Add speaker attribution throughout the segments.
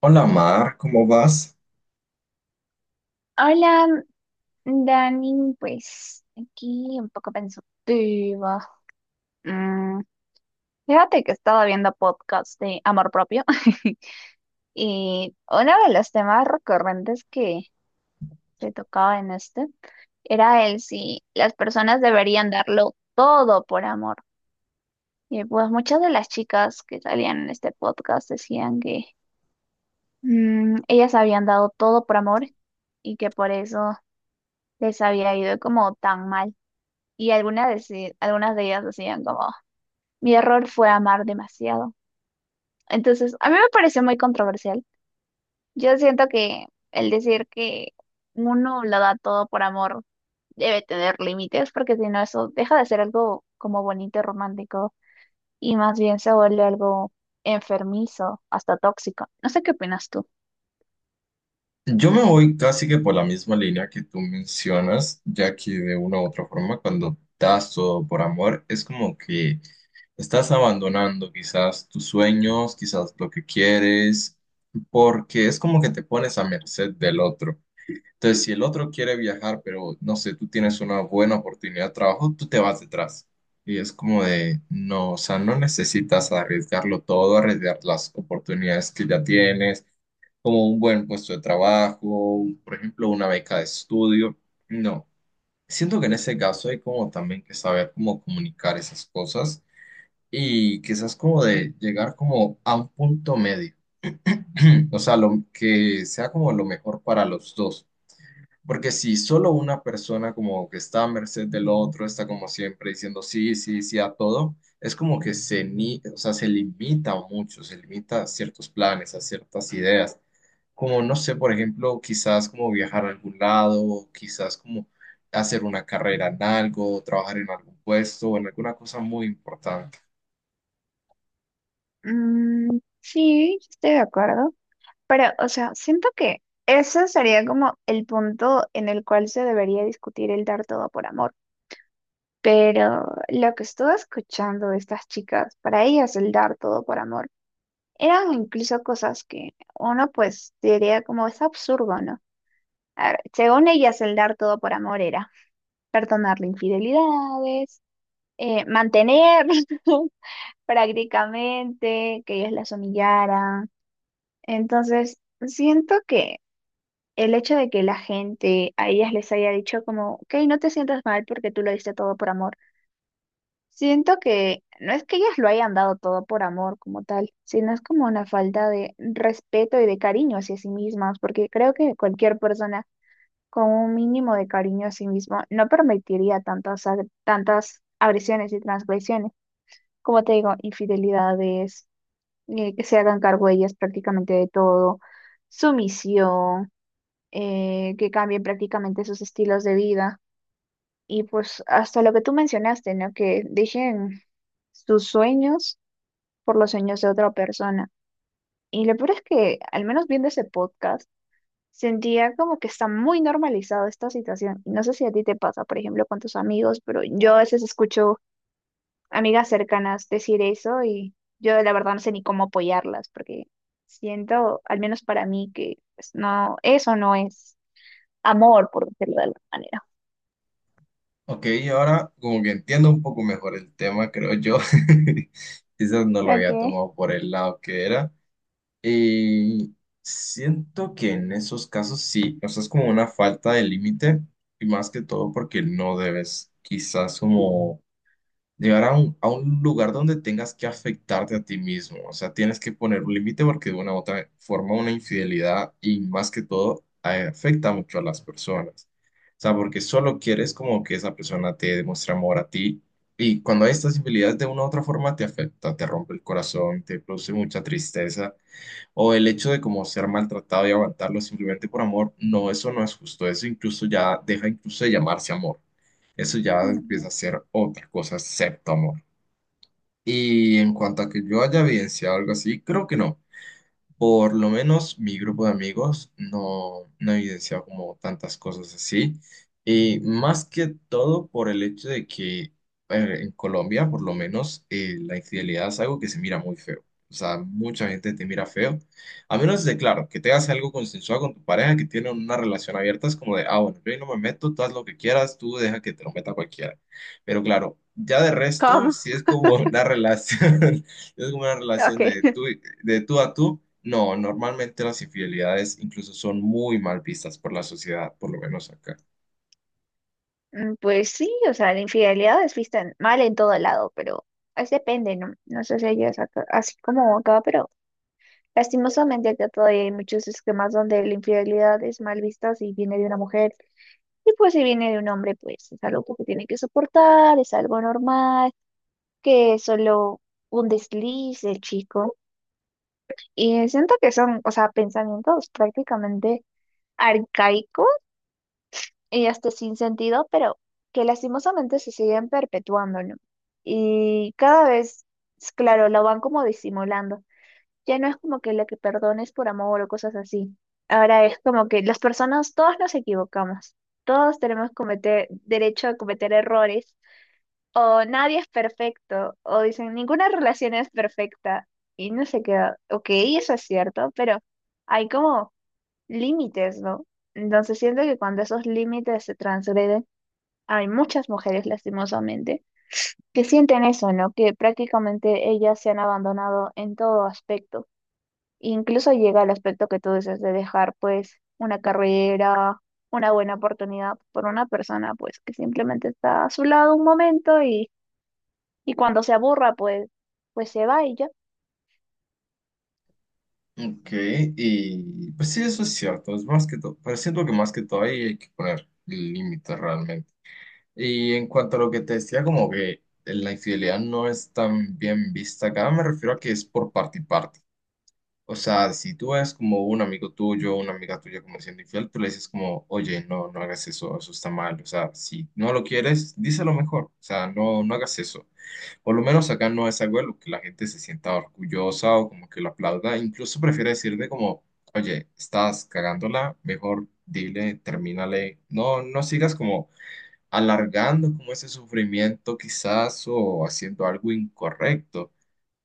Speaker 1: Hola Mar, ¿cómo vas?
Speaker 2: Hola, Dani, pues aquí un poco pensativa. Mm, Fíjate que estaba viendo podcast de amor propio y uno de los temas recurrentes que se tocaba en este era el si las personas deberían darlo todo por amor. Y pues muchas de las chicas que salían en este podcast decían que ellas habían dado todo por amor y que por eso les había ido como tan mal. Y algunas de ellas decían como, mi error fue amar demasiado. Entonces, a mí me pareció muy controversial. Yo siento que el decir que uno lo da todo por amor debe tener límites, porque si no, eso deja de ser algo como bonito y romántico y más bien se vuelve algo enfermizo, hasta tóxico. No sé qué opinas tú.
Speaker 1: Yo me voy casi que por la misma línea que tú mencionas, ya que de una u otra forma cuando das todo por amor es como que estás abandonando quizás tus sueños, quizás lo que quieres, porque es como que te pones a merced del otro. Entonces, si el otro quiere viajar, pero no sé, tú tienes una buena oportunidad de trabajo, tú te vas detrás. Y es como de, no, o sea, no necesitas arriesgarlo todo, arriesgar las oportunidades que ya tienes como un buen puesto de trabajo, por ejemplo, una beca de estudio. No, siento que en ese caso hay como también que saber cómo comunicar esas cosas y quizás como de llegar como a un punto medio, o sea, lo que sea como lo mejor para los dos. Porque si solo una persona como que está a merced del otro, está como siempre diciendo sí, sí, sí a todo, es como que se, ni, o sea, se limita mucho, se limita a ciertos planes, a ciertas ideas. Como, no sé, por ejemplo, quizás como viajar a algún lado, quizás como hacer una carrera en algo, trabajar en algún puesto o en alguna cosa muy importante.
Speaker 2: Mm, sí, estoy de acuerdo. Pero, o sea, siento que ese sería como el punto en el cual se debería discutir el dar todo por amor. Pero lo que estuve escuchando de estas chicas, para ellas el dar todo por amor eran incluso cosas que uno pues diría como es absurdo, ¿no? A ver, según ellas el dar todo por amor era perdonarle infidelidades, mantener prácticamente que ellos las humillaran. Entonces, siento que el hecho de que la gente a ellas les haya dicho como, ok, no te sientas mal porque tú lo diste todo por amor. Siento que no es que ellas lo hayan dado todo por amor como tal, sino es como una falta de respeto y de cariño hacia sí mismas, porque creo que cualquier persona con un mínimo de cariño a sí mismo no permitiría tantas agresiones y transgresiones, como te digo, infidelidades, que se hagan cargo ellas prácticamente de todo, sumisión, que cambien prácticamente sus estilos de vida. Y pues hasta lo que tú mencionaste, ¿no? Que dejen sus sueños por los sueños de otra persona. Y lo peor es que, al menos viendo ese podcast, sentía como que está muy normalizado esta situación. Y no sé si a ti te pasa, por ejemplo, con tus amigos, pero yo a veces escucho amigas cercanas decir eso y yo la verdad no sé ni cómo apoyarlas, porque siento, al menos para mí, que pues no, eso no es amor, por decirlo de alguna manera.
Speaker 1: Ok, y ahora como que entiendo un poco mejor el tema, creo yo. Quizás no lo había
Speaker 2: Okay.
Speaker 1: tomado por el lado que era. Y siento que en esos casos sí, o sea, es como una falta de límite y más que todo porque no debes quizás como llegar a a un lugar donde tengas que afectarte a ti mismo, o sea, tienes que poner un límite porque de una u otra forma una infidelidad y más que todo afecta mucho a las personas, o sea, porque solo quieres como que esa persona te demuestre amor a ti. Y cuando hay estas infidelidades de una u otra forma te afecta, te rompe el corazón, te produce mucha tristeza. O el hecho de como ser maltratado y aguantarlo simplemente por amor, no, eso no es justo. Eso incluso ya deja incluso de llamarse amor. Eso ya
Speaker 2: Mm.
Speaker 1: empieza a ser otra cosa excepto amor. Y en cuanto a que yo haya evidenciado algo así, creo que no. Por lo menos mi grupo de amigos no ha evidenciado como tantas cosas así. Y más que todo por el hecho de que en Colombia, por lo menos, la infidelidad es algo que se mira muy feo. O sea, mucha gente te mira feo. A menos de, claro, que te hagas algo consensuado con tu pareja, que tienen una relación abierta, es como de, ah, bueno, yo ahí no me meto, tú haz lo que quieras, tú deja que te lo meta cualquiera. Pero claro, ya de resto,
Speaker 2: ¿Cómo?
Speaker 1: sí es como una relación. Es como una relación
Speaker 2: Okay.
Speaker 1: de tú, de tú a tú. No, normalmente las infidelidades incluso son muy mal vistas por la sociedad, por lo menos acá.
Speaker 2: Mm, pues sí, o sea, la infidelidad es mal en todo lado, pero es depende, ¿no? No sé si así como acá, pero lastimosamente acá todavía hay muchos esquemas donde la infidelidad es mal vista si viene de una mujer y pues si viene de un hombre, pues es algo que tiene que soportar, es algo normal, que es solo un desliz del chico. Y siento que son, o sea, pensamientos prácticamente arcaicos y este sin sentido, pero que lastimosamente se siguen perpetuando, ¿no? Y cada vez, claro, lo van como disimulando. Ya no es como que lo que perdones por amor o cosas así. Ahora es como que las personas, todos nos equivocamos. Todos tenemos cometer, derecho a cometer errores. O nadie es perfecto. O dicen, ninguna relación es perfecta. Y no se queda. Ok, eso es cierto, pero hay como límites, ¿no? Entonces siento que cuando esos límites se transgreden, hay muchas mujeres, lastimosamente, que sienten eso, ¿no? Que prácticamente ellas se han abandonado en todo aspecto. Incluso llega al aspecto que tú dices de dejar, pues, una carrera, una buena oportunidad por una persona, pues, que simplemente está a su lado un momento y cuando se aburra, pues, pues se va y ya.
Speaker 1: Ok, y pues sí, eso es cierto, es más que todo, pero siento que más que todo ahí hay que poner límites realmente. Y en cuanto a lo que te decía, como que la infidelidad no es tan bien vista acá, me refiero a que es por parte y parte. O sea, si tú ves como un amigo tuyo, una amiga tuya como siendo infiel, tú le dices como, oye, no, no hagas eso, eso está mal. O sea, si no lo quieres, díselo mejor. O sea, no, no hagas eso. Por lo menos acá no es algo de lo que la gente se sienta orgullosa o como que lo aplauda. Incluso prefiere decirle como, oye, estás cagándola, mejor dile, termínale. No, no sigas como alargando como ese sufrimiento quizás o haciendo algo incorrecto.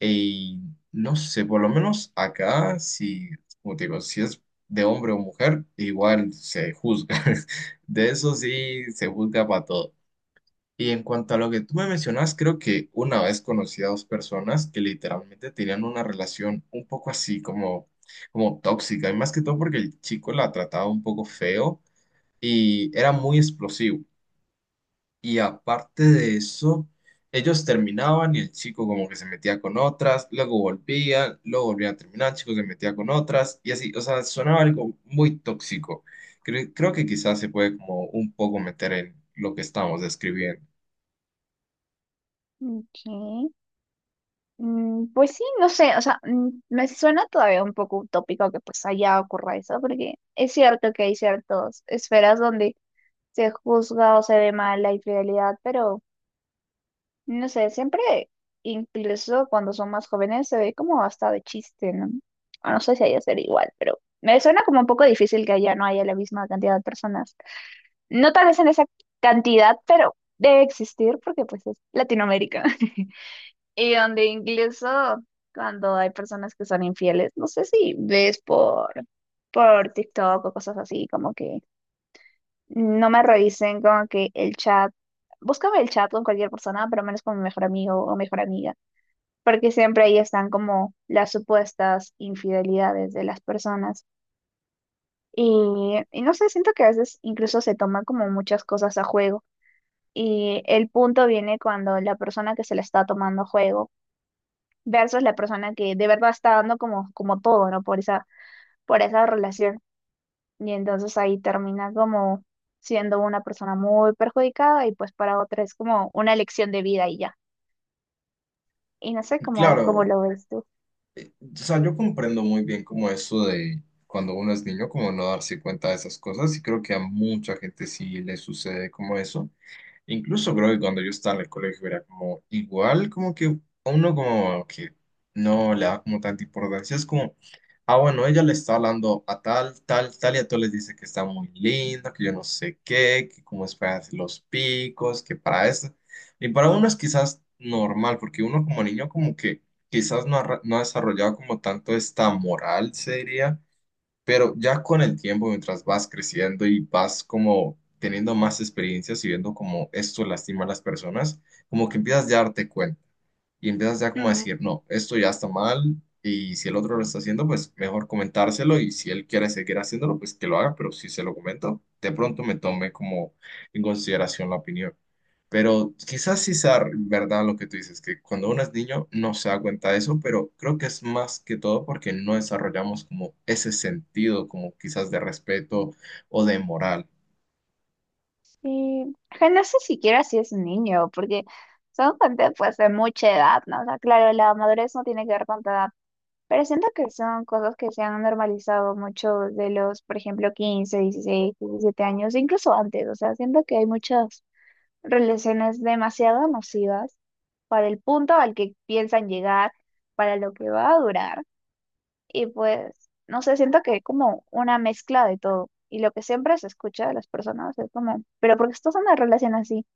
Speaker 1: Y no sé, por lo menos acá, si, como te digo, si es de hombre o mujer, igual se juzga. De eso sí, se juzga para todo. Y en cuanto a lo que tú me mencionas, creo que una vez conocí a dos personas que literalmente tenían una relación un poco así, como, como tóxica, y más que todo porque el chico la trataba un poco feo y era muy explosivo. Y aparte de eso, ellos terminaban y el chico como que se metía con otras, luego volvían a terminar, el chico se metía con otras y así, o sea, sonaba algo muy tóxico. Creo que quizás se puede como un poco meter en lo que estamos describiendo.
Speaker 2: Ok. Mm, pues sí, no sé, o sea, me suena todavía un poco utópico que pues allá ocurra eso, porque es cierto que hay ciertas esferas donde se juzga o se ve mal la infidelidad, pero no sé, siempre, incluso cuando son más jóvenes, se ve como hasta de chiste, ¿no? O no sé si haya ser igual, pero me suena como un poco difícil que allá no haya la misma cantidad de personas. No tal vez en esa cantidad, pero debe existir porque pues es Latinoamérica. Y donde incluso cuando hay personas que son infieles, no sé si ves por TikTok o cosas así, como que no me realicen como que el chat. Búscame el chat con cualquier persona, pero menos con mi mejor amigo o mejor amiga, porque siempre ahí están como las supuestas infidelidades de las personas. Y no sé, siento que a veces incluso se toman como muchas cosas a juego. Y el punto viene cuando la persona que se la está tomando a juego versus la persona que de verdad está dando como, como todo, ¿no? Por esa relación. Y entonces ahí termina como siendo una persona muy perjudicada y pues para otra es como una elección de vida y ya. Y no sé cómo,
Speaker 1: Claro,
Speaker 2: cómo lo ves tú.
Speaker 1: o sea, yo comprendo muy bien como eso de cuando uno es niño, como no darse cuenta de esas cosas y creo que a mucha gente sí le sucede como eso. Incluso creo que cuando yo estaba en el colegio era como igual, como que a uno como que no le da como tanta importancia. Es como, ah, bueno, ella le está hablando a tal, tal, tal, y a todos les dice que está muy linda, que yo no sé qué, que cómo es para hacer los picos, que para eso. Y para uno es quizás normal, porque uno como niño como que quizás no ha desarrollado como tanto esta moral, se diría pero ya con el tiempo, mientras vas creciendo y vas como teniendo más experiencias y viendo cómo esto lastima a las personas, como que empiezas ya a darte cuenta y empiezas ya como a decir,
Speaker 2: Mm.
Speaker 1: no, esto ya está mal y si el otro lo está haciendo, pues mejor comentárselo y si él quiere seguir haciéndolo, pues que lo haga, pero si se lo comento, de pronto me tome como en consideración la opinión. Pero quizás sí sea verdad lo que tú dices, que cuando uno es niño no se da cuenta de eso, pero creo que es más que todo porque no desarrollamos como ese sentido, como quizás de respeto o de moral.
Speaker 2: Sí, que no sé siquiera si es un niño, porque son gente pues de mucha edad, ¿no? O sea, claro, la madurez no tiene que ver con tu edad, pero siento que son cosas que se han normalizado mucho de los, por ejemplo, 15 16 17 años, incluso antes, o sea, siento que hay muchas relaciones demasiado nocivas para el punto al que piensan llegar, para lo que va a durar. Y pues, no sé, siento que es como una mezcla de todo. Y lo que siempre se escucha de las personas es como, pero ¿por qué estás en una relación así?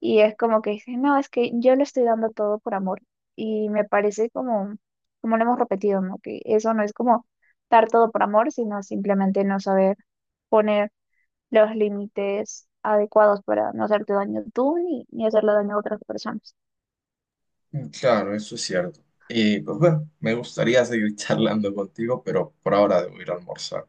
Speaker 2: Y es como que dicen, no, es que yo le estoy dando todo por amor. Y me parece como, como lo hemos repetido, ¿no? Que eso no es como dar todo por amor, sino simplemente no saber poner los límites adecuados para no hacerte daño tú ni hacerle daño a otras personas.
Speaker 1: Claro, eso es cierto. Y pues bueno, me gustaría seguir charlando contigo, pero por ahora debo ir a almorzar.